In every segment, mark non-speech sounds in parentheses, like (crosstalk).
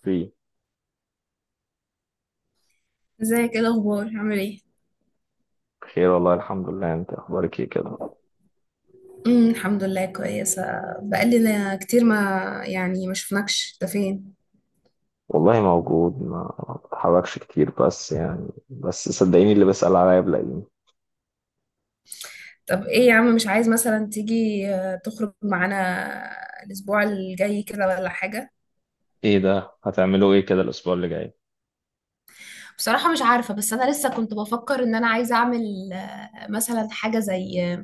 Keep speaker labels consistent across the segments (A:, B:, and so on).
A: في
B: ازيك، ايه الاخبار، عامل ايه؟
A: خير والله الحمد لله. انت اخبارك ايه كده؟
B: الحمد لله كويسه. بقالنا كتير ما ما شفناكش، انت فين؟
A: والله موجود، ما بتحركش كتير، بس يعني بس صدقيني اللي بسأل عليا بلاقيني.
B: طب ايه يا عم، مش عايز مثلا تيجي تخرج معانا الاسبوع الجاي كده ولا حاجه؟
A: ايه ده، هتعملوا ايه كده الاسبوع اللي جاي؟
B: بصراحة مش عارفة، بس أنا لسه كنت بفكر إن أنا عايزة أعمل مثلا حاجة زي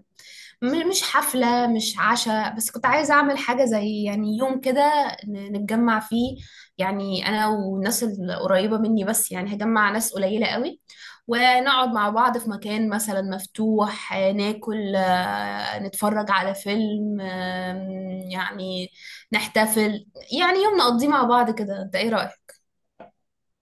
B: مش حفلة، مش عشاء، بس كنت عايزة أعمل حاجة زي يعني يوم كده نتجمع فيه. يعني أنا والناس القريبة مني بس، يعني هجمع ناس قليلة قوي ونقعد مع بعض في مكان مثلا مفتوح، ناكل، نتفرج على فيلم، يعني نحتفل، يعني يوم نقضيه مع بعض كده. أنت إيه رأيك؟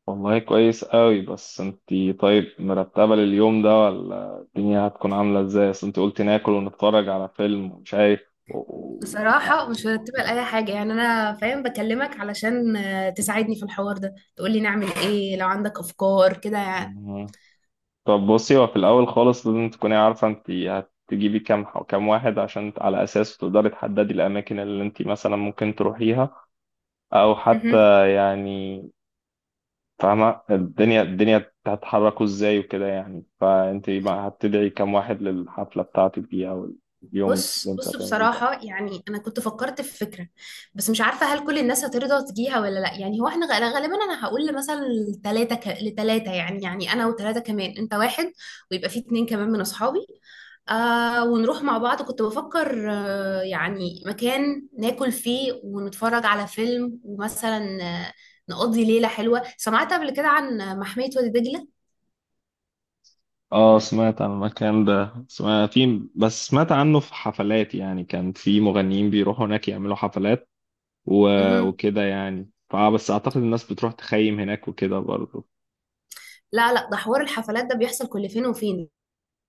A: والله كويس قوي. بس انتي طيب مرتبة لليوم ده ولا الدنيا هتكون عاملة ازاي؟ اصل انتي قلتي ناكل ونتفرج على فيلم ومش عارف و... و-
B: بصراحة مش مرتبة لأي حاجة، يعني أنا فاهم بكلمك علشان تساعدني في الحوار ده، تقولي نعمل إيه لو عندك أفكار كده يعني.
A: مم. طب بصي، هو في الاول خالص لازم تكوني عارفة انتي هتجيبي كام واحد عشان على اساسه تقدري تحددي الاماكن اللي انتي مثلا ممكن تروحيها او
B: مهم.
A: حتى يعني فاهمة الدنيا هتحركوا ازاي وكده يعني. فانت بقى هتدعي كام واحد للحفلة بتاعتك دي او اليوم اللي
B: بص
A: انت
B: بص
A: هتعمليه ده؟
B: بصراحة، يعني أنا كنت فكرت في فكرة بس مش عارفة هل كل الناس هترضى تجيها ولا لأ. يعني هو احنا غالبا أنا هقول مثلا لتلاتة لتلاتة، يعني يعني أنا وتلاتة كمان، أنت واحد ويبقى في اتنين كمان من أصحابي. آه، ونروح مع بعض. كنت بفكر آه، يعني مكان ناكل فيه ونتفرج على فيلم، ومثلا نقضي ليلة حلوة. سمعت قبل كده عن محمية وادي دجلة؟
A: اه سمعت عن المكان ده، سمعت في بس سمعت عنه في حفلات يعني. كان في مغنيين بيروحوا هناك يعملوا حفلات و...
B: مهم.
A: وكده يعني. فبس اعتقد الناس بتروح تخيم هناك وكده برضه.
B: لا لا، ده حوار الحفلات ده بيحصل كل فين وفين،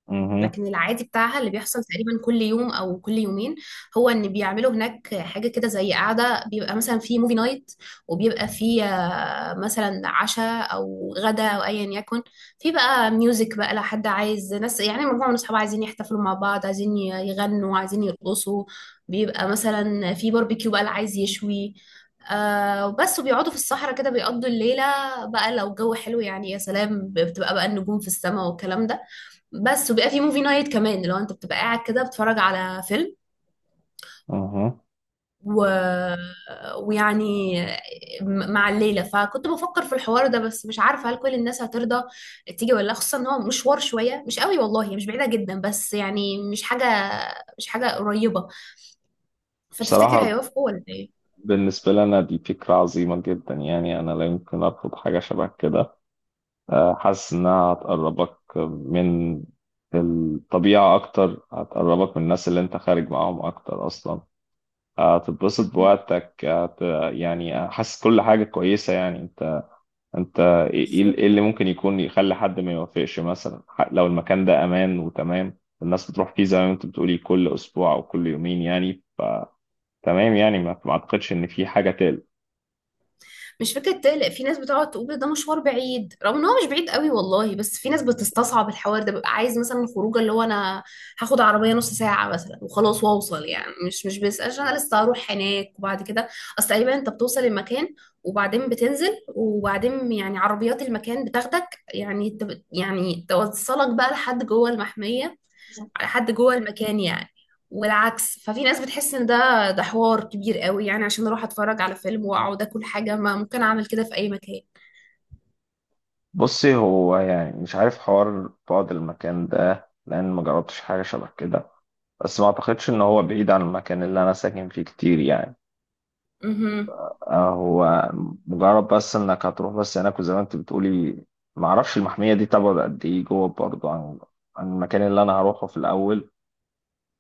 A: اها،
B: لكن العادي بتاعها اللي بيحصل تقريبا كل يوم او كل يومين هو ان بيعملوا هناك حاجه كده زي قاعده، بيبقى مثلا في موفي نايت، وبيبقى في مثلا عشاء او غدا او ايا يكن، في بقى ميوزك بقى لو حد عايز ناس، يعني مجموعه من اصحاب عايزين يحتفلوا مع بعض، عايزين يغنوا، عايزين يرقصوا، بيبقى مثلا في باربيكيو بقى اللي عايز يشوي. آه بس، وبيقعدوا في الصحراء كده بيقضوا الليلة بقى، لو الجو حلو يعني يا سلام، بتبقى بقى النجوم في السماء والكلام ده. بس، وبيبقى في موفي نايت كمان لو انت بتبقى قاعد كده بتتفرج على فيلم
A: اها.
B: و... ويعني مع الليلة. فكنت بفكر في الحوار ده بس مش عارفة هل كل الناس هترضى تيجي ولا لا، خصوصا ان هو مشوار شوية مش قوي والله، هي مش بعيدة جدا بس يعني مش حاجة قريبة. فتفتكر
A: بصراحة
B: هيوافقوا ولا ايه؟
A: بالنسبة لنا دي فكرة عظيمة جدا، يعني أنا لا يمكن أرفض حاجة شبه كده. حاسس انها هتقربك من الطبيعة اكتر، هتقربك من الناس اللي انت خارج معاهم اكتر اصلا، هتتبسط بوقتك يعني حاسس كل حاجة كويسة. يعني انت ايه إيه
B: (laughs)
A: اللي ممكن يكون يخلي حد ما يوافقش؟ مثلا لو المكان ده امان وتمام، الناس بتروح فيه زي ما انت بتقولي كل اسبوع او كل يومين يعني، فتمام. يعني ما اعتقدش ان في حاجة تقلق.
B: مش فكرة تقلق، في ناس بتقعد تقول ده مشوار بعيد، رغم ان هو مش بعيد قوي والله، بس في ناس بتستصعب الحوار ده. ببقى عايز مثلا الخروجه اللي هو انا هاخد عربية نص ساعة مثلا وخلاص واوصل، يعني مش بيسألش انا لسه هروح هناك وبعد كده، اصل تقريبا انت بتوصل المكان، وبعدين بتنزل، وبعدين يعني عربيات المكان بتاخدك، يعني يعني توصلك بقى لحد جوه المحمية، حد جوه المكان يعني، والعكس. ففي ناس بتحس ان ده حوار كبير قوي، يعني عشان اروح اتفرج على فيلم واقعد اكل حاجه، ما ممكن اعمل كده في اي مكان.
A: بصي هو يعني مش عارف حوار بعد المكان ده لان ما جربتش حاجة شبه كده، بس ما اعتقدش ان هو بعيد عن المكان اللي انا ساكن فيه كتير يعني.
B: اها.
A: هو مجرد بس انك هتروح بس هناك وزي ما انت بتقولي، ما اعرفش المحمية دي تبعد قد ايه جوه برضه عن المكان اللي انا هروحه في الاول.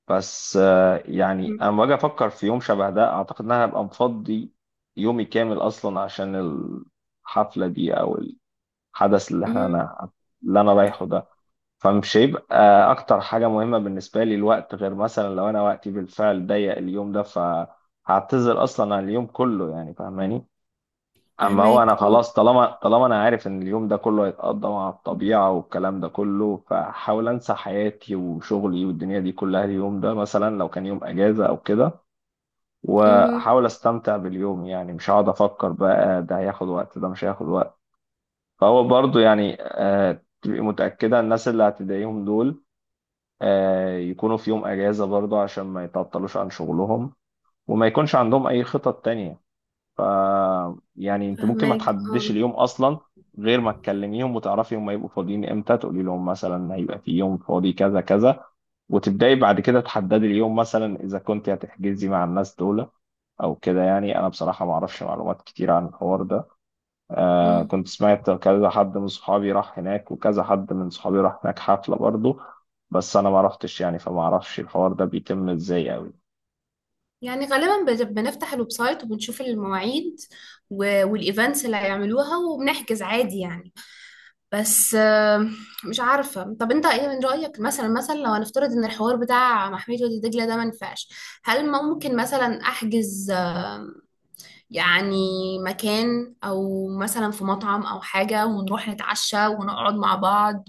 A: بس يعني انا لما باجي افكر في يوم شبه ده، اعتقد ان انا هبقى مفضي يومي كامل اصلا عشان الحفلة دي او الحدث اللي احنا
B: اها.
A: أنا- اللي انا رايحه ده. فمش هيبقى اكتر حاجة مهمة بالنسبة لي الوقت، غير مثلا لو انا وقتي بالفعل ضيق اليوم ده فهعتذر اصلا عن اليوم كله يعني، فاهماني؟ اما هو
B: فهماك،
A: انا
B: اه.
A: خلاص، طالما انا عارف ان اليوم ده كله هيتقضى مع الطبيعة والكلام ده كله، فحاول انسى حياتي وشغلي والدنيا دي كلها اليوم ده، مثلا لو كان يوم اجازة او كده،
B: اها.
A: واحاول استمتع باليوم. يعني مش هقعد افكر بقى ده هياخد وقت ده مش هياخد وقت. فهو برضو يعني تبقي متأكدة الناس اللي هتضايقهم دول يكونوا في يوم اجازه برضه عشان ما يتعطلوش عن شغلهم وما يكونش عندهم اي خطط تانية. ف يعني انت ممكن ما
B: فهماك،
A: تحددش
B: اه.
A: اليوم اصلا غير ما تكلميهم وتعرفي هم هيبقوا فاضيين امتى. تقولي لهم مثلا هيبقى في يوم فاضي كذا كذا، وتبداي بعد كده تحددي اليوم مثلا اذا كنت هتحجزي مع الناس دول او كده. يعني انا بصراحه ما اعرفش معلومات كتير عن الحوار ده.
B: مم.
A: كنت سمعت كذا حد من صحابي راح هناك وكذا حد من صحابي راح هناك حفلة برضه، بس أنا ما رحتش يعني، فما أعرفش الحوار ده بيتم إزاي أوي.
B: يعني غالبا بنفتح الويب سايت وبنشوف المواعيد والايفنتس اللي هيعملوها، وبنحجز عادي يعني. بس مش عارفة. طب انت ايه من رأيك، مثلا لو هنفترض ان الحوار بتاع محمية وادي دجلة ده ما ينفعش، هل ممكن مثلا احجز يعني مكان، او مثلا في مطعم او حاجة، ونروح نتعشى ونقعد مع بعض؟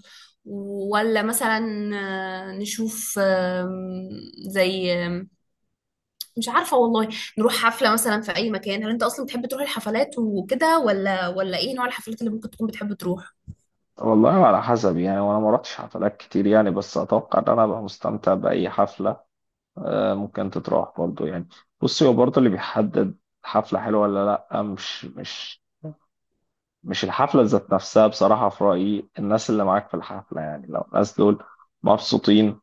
B: ولا مثلا نشوف زي مش عارفة والله، نروح حفلة مثلا في اي مكان؟ هل انت اصلا بتحب تروح الحفلات وكده ولا ايه نوع الحفلات اللي ممكن تكون بتحب تروح؟
A: والله على حسب يعني. وأنا ما رحتش حفلات كتير يعني، بس أتوقع إن أنا أبقى مستمتع بأي حفلة. ممكن تتراح برضه يعني. بصي هو برضه اللي بيحدد حفلة حلوة ولا لأ، مش الحفلة ذات نفسها بصراحة، في رأيي الناس اللي معاك في الحفلة. يعني لو الناس دول مبسوطين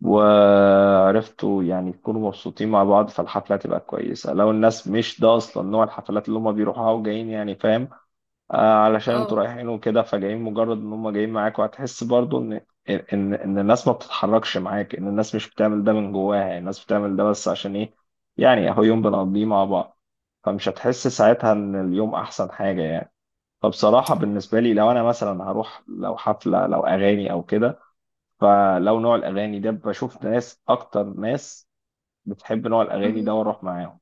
A: وعرفتوا يعني يكونوا مبسوطين مع بعض فالحفلة هتبقى كويسة. لو الناس مش ده أصلا نوع الحفلات اللي هم بيروحوها وجايين يعني، فاهم، آه علشان
B: اه.
A: انتوا رايحين وكده فجايين، مجرد إن هم جايين معاك، وهتحس برضو إن إن الناس ما بتتحركش معاك، إن الناس مش بتعمل ده من جواها، يعني الناس بتعمل ده بس عشان إيه، يعني أهو يوم بنقضيه مع بعض. فمش هتحس ساعتها إن اليوم أحسن حاجة يعني. فبصراحة بالنسبة لي لو أنا مثلا هروح لو حفلة لو أغاني أو كده، فلو نوع الاغاني ده بشوف ناس اكتر، ناس بتحب نوع الاغاني ده
B: مهم.
A: واروح معاهم،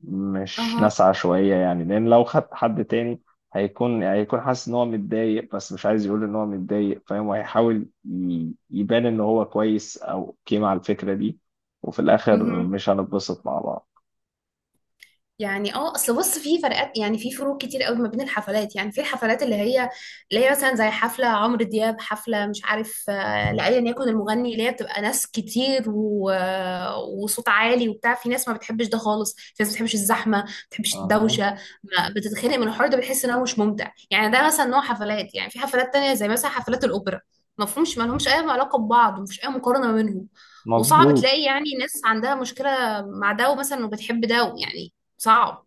A: مش
B: اها.
A: ناس عشوائيه يعني. لان لو خدت حد تاني هيكون حاسس ان هو متضايق، بس مش عايز يقول ان هو متضايق، فاهم، وهيحاول يبان ان هو كويس او اوكي مع الفكره دي، وفي الاخر
B: مهم.
A: مش هنتبسط مع بعض.
B: يعني اه، اصل بص، في فرقات، يعني في فروق كتير قوي ما بين الحفلات. يعني في الحفلات اللي هي مثلا زي حفله عمرو دياب، حفله مش عارف لايا يكن المغني، اللي هي بتبقى ناس كتير وصوت عالي وبتاع، في ناس ما بتحبش ده خالص، في ناس ما بتحبش الزحمه، ما بتحبش
A: اها،
B: الدوشه، ما بتتخنق من الحوار ده، بتحس ان هو مش ممتع يعني. ده مثلا نوع حفلات. يعني في حفلات تانية زي مثلا حفلات الاوبرا، مفهومش، ما لهمش اي علاقه ببعض، ومفيش اي مقارنه ما بينهم، وصعب
A: مظبوط.
B: تلاقي يعني ناس عندها مشكلة مع ده ومثلا وبتحب ده يعني، صعب.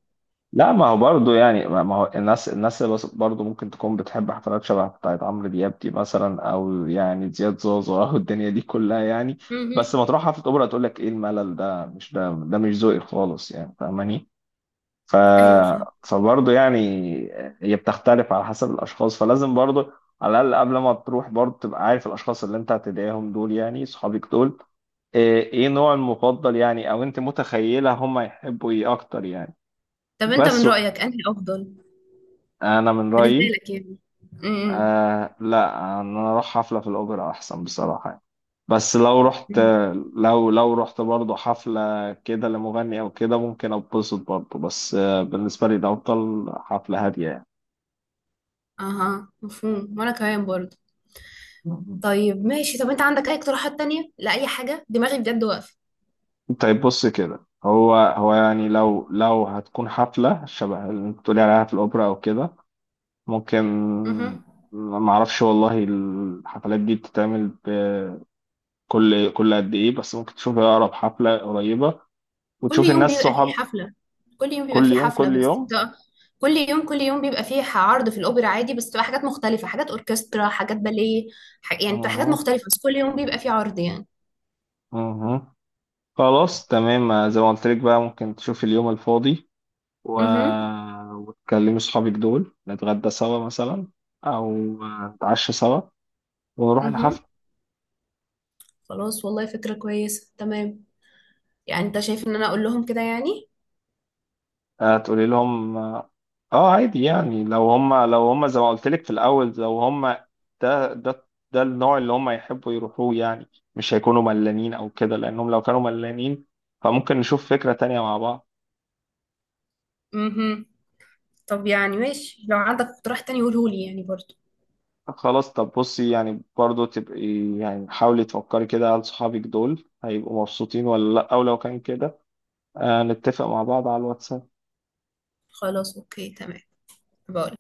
A: لا، ما هو برضه يعني ما هو الناس اللي برضه ممكن تكون بتحب حفلات شبه بتاعت عمرو دياب دي مثلا، او يعني زياد زوزو او الدنيا دي كلها يعني، بس
B: مهم.
A: ما تروح حفله اوبرا تقول لك ايه الملل ده، مش ده مش ذوقي خالص يعني، فاهماني؟ ف
B: ايوه فاهم.
A: فبرضه يعني هي بتختلف على حسب الاشخاص، فلازم برضه على الاقل قبل ما تروح برضه تبقى عارف الاشخاص اللي انت هتدعيهم دول، يعني صحابك دول إيه نوع المفضل يعني، او انت متخيله هم يحبوا ايه اكتر يعني.
B: طب انت من
A: بس
B: رأيك انهي افضل
A: انا من
B: بالنسبة
A: رايي،
B: لك يعني؟ امم.
A: لا، ان انا اروح حفله في الاوبرا احسن بصراحه يعني. بس لو رحت، لو رحت برضه حفله كده لمغني او كده، ممكن اتبسط برضه. بس بالنسبه لي ده افضل، حفله هاديه يعني.
B: اها، مفهوم. وانا كمان برضه.
A: مم.
B: طيب ماشي، طب انت عندك اي اقتراحات تانية لأي حاجة؟ دماغي بجد واقفة.
A: طيب، بص كده، هو يعني لو هتكون حفله شبه اللي انت بتقولي عليها في الاوبرا او كده، ممكن.
B: مهم.
A: ما اعرفش والله الحفلات دي بتتعمل كل قد ايه، بس ممكن تشوف اقرب حفله قريبه
B: كل
A: وتشوف
B: يوم
A: الناس
B: بيبقى فيه
A: صحاب. كل يوم،
B: حفلة،
A: كل
B: بس
A: يوم.
B: ده كل يوم بيبقى فيه عرض في الأوبرا عادي، بس بتبقى حاجات مختلفة، حاجات أوركسترا، حاجات باليه، يعني بتبقى حاجات
A: اها،
B: مختلفة، بس كل يوم بيبقى فيه عرض يعني.
A: اها، خلاص تمام. زي ما قلت لك بقى، ممكن تشوف اليوم الفاضي و...
B: اها.
A: وتكلمي صحابك دول، نتغدى سوا مثلا او نتعشى سوا ونروح
B: اها.
A: الحفلة.
B: خلاص، والله فكرة كويسة، تمام. يعني انت شايف ان انا اقول لهم كده يعني؟
A: تقولي لهم اه. عادي يعني. لو هم زي ما قلت لك في الاول، لو هم ده ده النوع اللي هم يحبوا يروحوه يعني، مش هيكونوا ملانين او كده. لانهم لو كانوا ملانين فممكن نشوف فكرة تانية مع بعض.
B: امم. طب يعني ماشي، لو عندك اقتراح تاني قوله لي يعني برضو.
A: خلاص، طب بصي يعني برضه تبقي يعني حاولي تفكري كده، هل صحابك دول هيبقوا مبسوطين ولا لأ. أو لو كان كده نتفق مع بعض على الواتساب.
B: خلاص اوكي، تمام. بقول